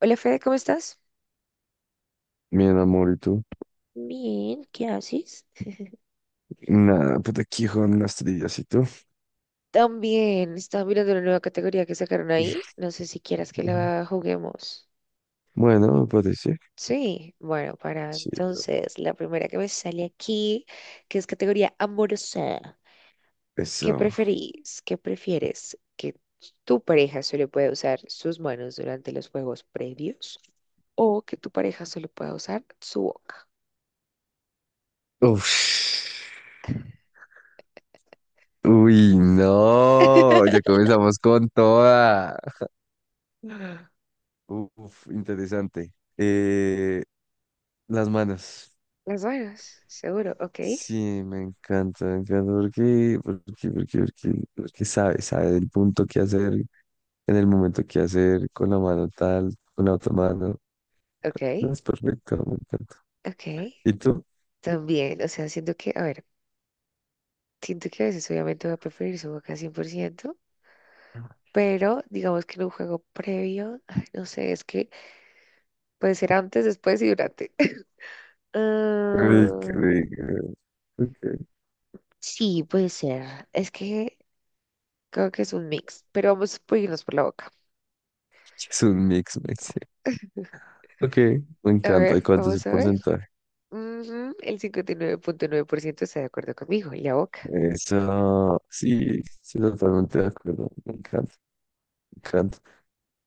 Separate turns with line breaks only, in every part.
Hola Fede, ¿cómo estás?
Bien, amor, ¿y tú?
Bien, ¿qué haces?
Nada, pues aquí con unas trillas, ¿y tú?
También estaba mirando la nueva categoría que sacaron ahí. No sé si quieras que
Ujú.
la juguemos.
Bueno, me parece.
Sí, bueno, para
Sí,
entonces la primera que me sale aquí, que es categoría amorosa. ¿Qué
eso.
preferís? ¿Qué prefieres? ¿Que tu pareja solo pueda usar sus manos durante los juegos previos? ¿O que tu pareja solo pueda usar su boca?
Uf. Uy, no, ya comenzamos con toda. Uf, interesante. Las manos.
Las manos, seguro, ok,
Sí, me encanta, me encanta. Porque sabe el punto que hacer, en el momento que hacer, con la mano tal, con la otra mano.
ok,
No, es perfecto, me encanta.
ok.
¿Y tú?
También, o sea, siento que, a ver. Siento que a veces obviamente voy a preferir su boca 100%, pero digamos que en un juego previo, ay, no sé, es que puede ser antes, después y durante.
Ay, qué
Ah,
rico. Ok.
sí, puede ser. Es que creo que es un mix, pero vamos a irnos por la boca.
Es un mix, mix dice. Ok, me
A
encanta.
ver,
¿Y cuánto es el
vamos a ver.
porcentaje?
Ujú, el 59,9% está de acuerdo conmigo, y la boca.
Eso, sí, sí, totalmente de acuerdo. Me encanta, me encanta.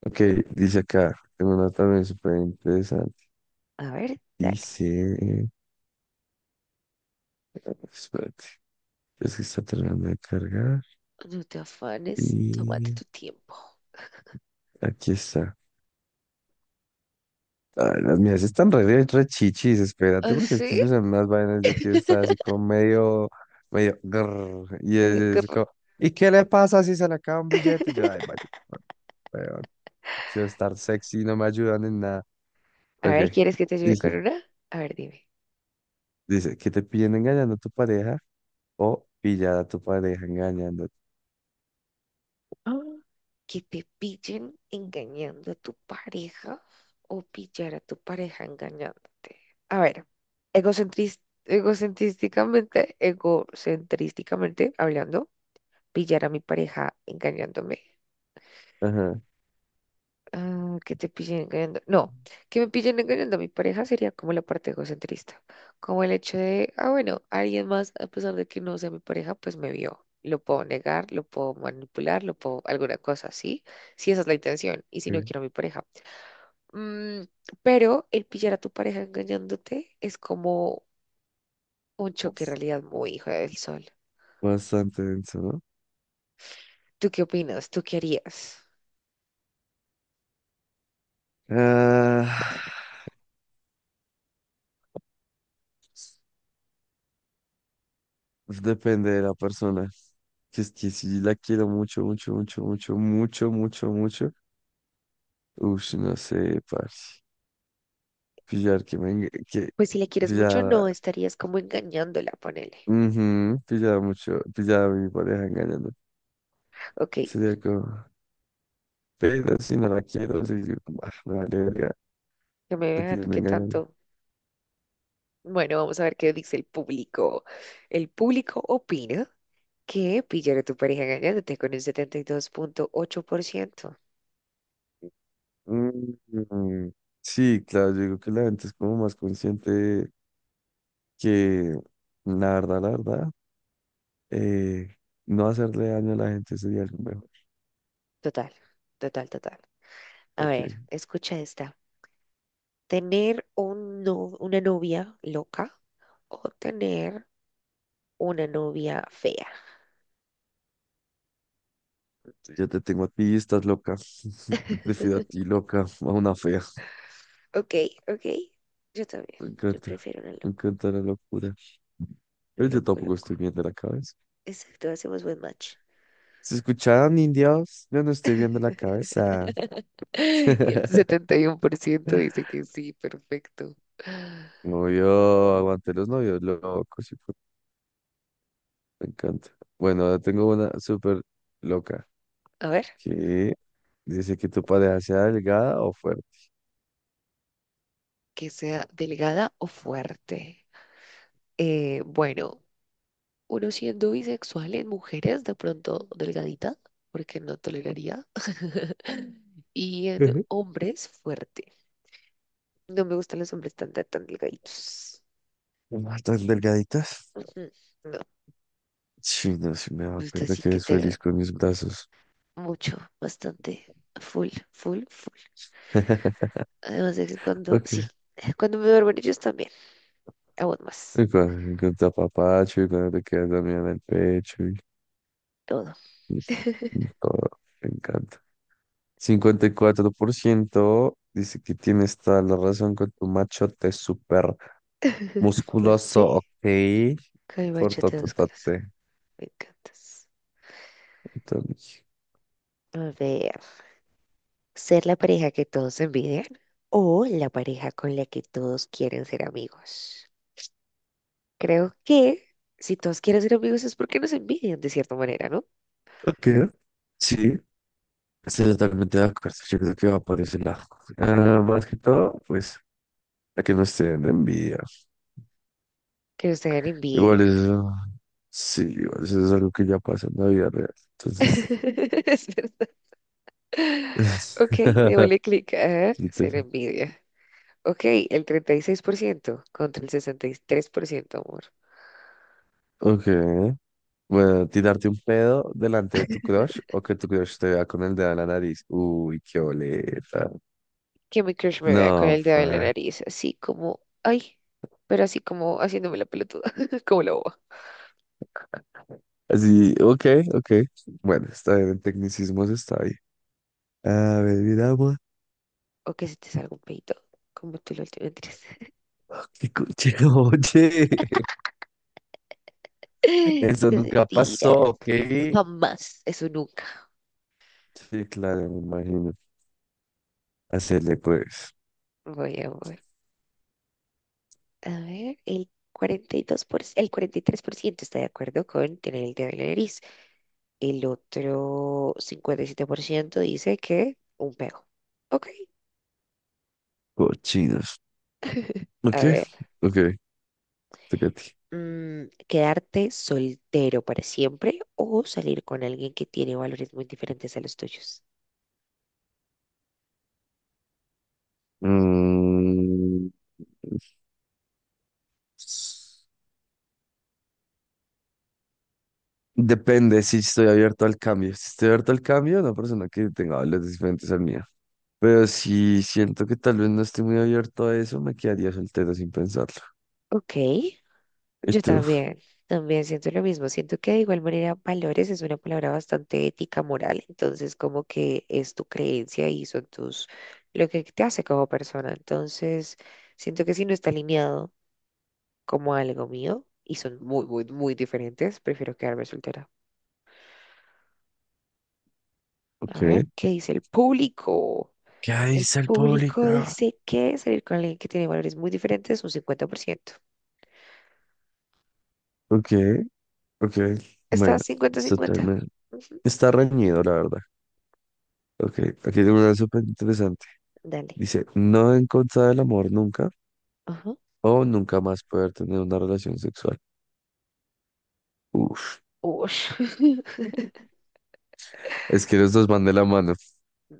Ok, dice acá, tengo una también súper interesante.
A ver, dale.
Dice, espérate, es que está terminando de cargar.
No te afanes, tómate
Y
tu tiempo.
aquí está. Ay, las mías están re, re chichis, espérate,
¿Ah,
porque es que
sí?
mis salen unas vainas, yo quiero estar así como medio, medio, grrr, y es,
Ay, qué
es
horror.
como, ¿y qué le pasa si se le acaba un billete? Y yo, ay, vaya, bueno, weón, quiero estar sexy, no me ayudan en nada.
A
Ok,
ver, ¿quieres que te ayude con
dice,
una? A ver, dime.
dice, que te piden engañando a tu pareja o pillar a tu pareja engañándote.
Ah, que te pillen engañando a tu pareja o pillar a tu pareja engañándote. A ver, egocentris- egocentrísticamente hablando, pillar a mi pareja engañándome.
Ajá,
Ah, que te pillen engañando. No, que me pillen engañando a mi pareja sería como la parte egocentrista. Como el hecho de, ah, bueno, alguien más, a pesar de que no sea mi pareja, pues me vio. Lo puedo negar, lo puedo manipular, lo puedo, alguna cosa, ¿sí? Si esa es la intención y si no
ok.
quiero a mi pareja. Mm, pero el pillar a tu pareja engañándote es como un choque de
Ups.
realidad muy hijo del sol.
Bastante denso, ¿no?
¿Tú qué opinas? ¿Tú qué harías?
Ah. Pues, depende de la persona. Que es que si la quiero mucho, mucho, mucho, mucho, mucho, mucho, mucho. Ush, no sé, parce. Pillar que me enga- que
Pues si le quieres mucho, no
pillar,
estarías como engañándola, ponele.
mhm Pillar mucho, pillar a mi pareja engañando.
Ok,
Sería como, pero si no la quiero, sí, yo como, ah, me vale verga,
que me
te
vean
pillan
qué
engañando.
tanto. Bueno, vamos a ver qué dice el público. El público opina que pillar a tu pareja engañándote con un 72,8%.
Mm, sí, claro, yo digo que la gente es como más consciente que la verdad, la verdad, eh, no hacerle daño a la gente sería lo mejor.
Total, total, total. A ver, escucha esta. ¿Tener un no- una novia loca o tener una novia fea?
Yo te tengo a ti, estás loca. Te prefiero a ti, loca, a una fea.
Ok, ok. Yo también.
Me
Yo
encanta,
prefiero una
me
loco.
encanta la locura. Pero yo
Loco,
tampoco
loco.
estoy viendo la cabeza.
Exacto, hacemos buen match.
¿Se escucharon, indios? Yo no estoy viendo la cabeza.
Y el 71% dice que sí, perfecto.
Novio, aguante los novios locos. Hijo- Me encanta. Bueno, ahora tengo una súper loca.
A ver.
Que dice que tu pareja sea delgada o fuerte.
Que sea delgada o fuerte. Bueno, uno siendo bisexual en mujeres, de pronto delgadita, porque no toleraría. Y en
Ujú.
hombres, fuerte. No me gustan los hombres tan, tan, tan delgaditos.
Ah, ¿tan delgaditas?
Ujú, no,
Sí, no, sí me da
me gusta
cuenta
así
que
que
eres
tenga
feliz con mis brazos.
mucho, bastante, full, full, full. Además de que cuando,
Ok.
sí, cuando me duermen ellos también, aún más.
Y con tu apapacho y cuando te quedas dormida en el pecho y,
Todo.
y y todo, me encanta. 54% dice que tienes toda la razón con tu machote súper
Fuerte,
musculoso, ok,
con el
por
machete chate, músculos.
tototote.
Me encantas.
Entonces,
A ver. ¿Ser la pareja que todos envidian o la pareja con la que todos quieren ser amigos? Creo que si todos quieren ser amigos es porque nos envidian de cierta manera, ¿no?
ok, sí, estoy totalmente de acuerdo, yo creo que va por ese lado. Ah, más que todo, pues, a que no estén de envidia.
Que nos tengan envidia.
Igual eso, sí, igual eso es algo que ya pasa en la vida real, entonces...
Es verdad. Ok, démosle clic a ser
Chistoso.
envidia. Ok, el 36% contra el 63% amor.
Ok. Bueno, tirarte un pedo delante de tu crush o que tu crush te vea con el dedo en la nariz. Uy, qué boleta.
Que mi crush me
No,
vea con el dedo en
fa.
la nariz, así como, ay, pero así como haciéndome la pelotuda, como la boba.
Así, ok, ok. Bueno, está bien, en tecnicismos está bien. A ver, miramos.
O que se te salga un peito, como tú lo tienes.
Ah, qué coche, oye. Eso
Sus
nunca
mentiras.
pasó, ok.
Jamás. Eso nunca.
Sí, claro, me imagino. Hacerle, pues,
Voy a ver. A ver, el 42%, el 43% está de acuerdo con tener el dedo en la nariz. El otro 57% dice que un pego. Ok.
cochinos.
A
Ok,
ver,
ok, toca a ti.
mm, ¿quedarte soltero para siempre o salir con alguien que tiene valores muy diferentes a los tuyos?
Mm. Depende si estoy abierto al cambio. Si estoy abierto al cambio, una persona que tenga valores diferentes al mío. Pero si siento que tal vez no estoy muy abierto a eso, me quedaría soltero sin pensarlo.
Ok.
¿Y
Yo
tú?
también, también siento lo mismo. Siento que de igual manera valores es una palabra bastante ética, moral. Entonces, como que es tu creencia y son tus, lo que te hace como persona. Entonces, siento que si no está alineado como algo mío y son muy, muy, muy diferentes, prefiero quedarme soltera. A
Ok.
ver, ¿qué dice el público?
¿Qué
El
dice el público?
público dice que salir con alguien que tiene valores muy diferentes es un 50%.
Ok, ok.
Está
Bueno, es
cincuenta-cincuenta.
totalmente. Está reñido, la verdad. Ok, aquí tengo una súper interesante.
Dale.
Dice, no en contra del amor nunca
Ajá.
o nunca más poder tener una relación sexual. Uf,
Ush.
es que los dos van de la mano,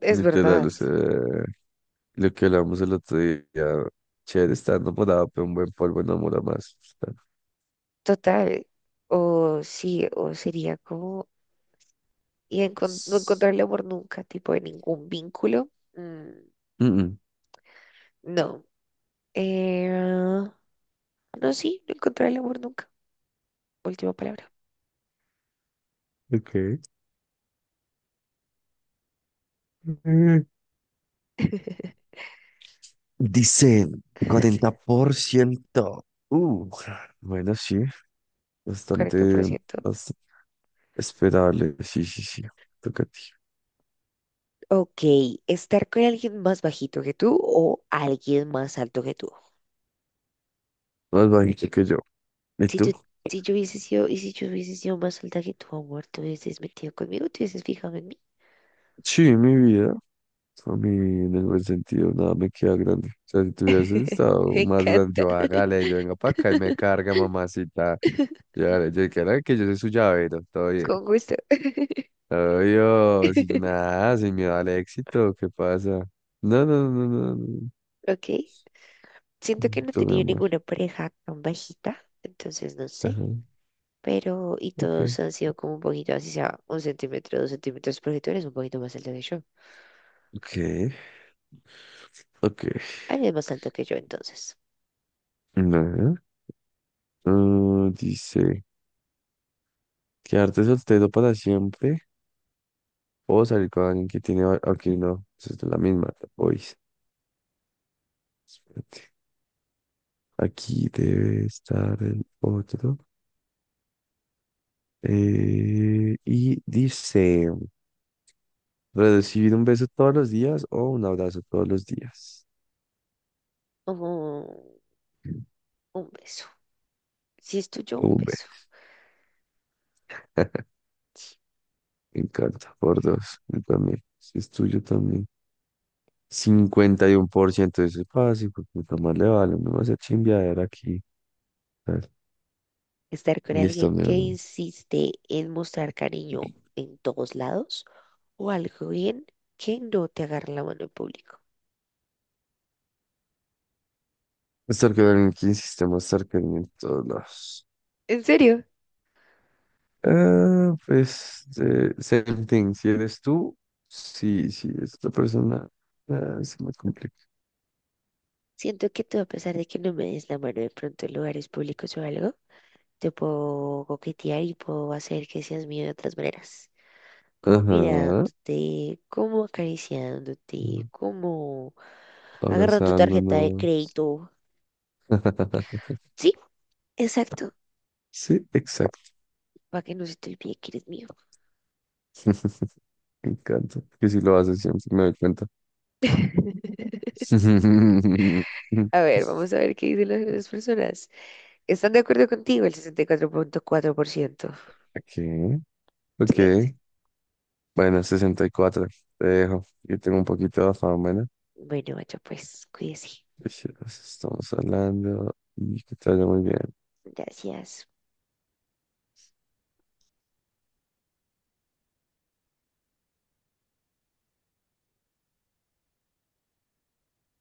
Es
literal,
verdad.
o sea, lo que hablamos el otro día, chévere, está enamorado, pero un buen polvo enamora más. Está-
Total, o sí, o sería como, y no encontrarle amor nunca, tipo de ningún vínculo, mm,
Mm,
no. Eh, no, sí, no encontrarle amor nunca, última palabra,
mm. Ok. Mm. Dice 40%. Bueno, sí, bastante,
40%.
bastante esperable. Sí, sí, sí. Toca a ti.
Ok, estar con alguien más bajito que tú o alguien más alto que tú.
Más bajito que yo. ¿Y
Si
tú?
tú, si yo hubiese sido, y si yo hubiese sido más alta que tu amor, ¿te hubieses metido conmigo? ¿Te hubieses fijado en mí?
Sí, mi vida. A mí, en el buen sentido, nada me queda grande. O sea, si tuvieses estado
Me
más grande,
encanta,
yo hágale, yo venga para acá y me carga, mamacita. Ya, yo creo que yo soy su llavero, todo bien.
con gusto.
Obvio, sin nada, sin miedo al éxito, ¿qué pasa? No, no, no, no, no.
Ok. Siento que no he
Tú, mi
tenido
amor.
ninguna pareja tan bajita, entonces no sé,
Ajá.
pero y
Ok,
todos han sido como un poquito, así sea un centímetro, dos centímetros, porque tú eres un poquito más alto que yo.
ok, ok.
Alguien más alto que yo, entonces.
Ajá. Mm, dice, quedarte soltero para siempre o salir con alguien que tiene... va- Ok, no, esa es la misma. Hoy. Aquí debe estar el otro. Y dice... Recibir un beso todos los días o un abrazo todos los días.
Ujú, un beso. Si es tuyo, un
Un
beso.
beso. Me encanta. Por dos. Yo también. Si es tuyo también. 51% de ese fácil, pues puta más le vale. No vas a chimbear aquí. A ver,
Estar con
listo,
alguien
mi
que
amor.
insiste en mostrar cariño en todos lados o alguien que no te agarra la mano en público.
Stalker Que insiste stalker en todos lados.
¿En serio?
Ah, pues, same thing. Si eres tú, sí, sí, es otra persona. Ah, se me complica.
Siento que tú, a pesar de que no me des la mano de pronto en lugares públicos o algo, te puedo coquetear y puedo hacer que seas mío de otras maneras. Como
Ajá.
mirándote, como acariciándote, como agarrando tu tarjeta de
Abrazándonos.
crédito. Sí, exacto.
Sí, exacto.
Para que no se te olvide que eres mío.
Me encanta. Que si lo haces siempre me doy cuenta.
A ver, vamos a ver qué dicen las otras personas. ¿Están de acuerdo contigo? El 64.4%.
Ok,
Excelente.
ok. Bueno, 64. Te dejo. Yo tengo un poquito de afán, bueno.
Bueno, macho, pues cuídese.
Estamos hablando y que te vaya muy bien.
Gracias.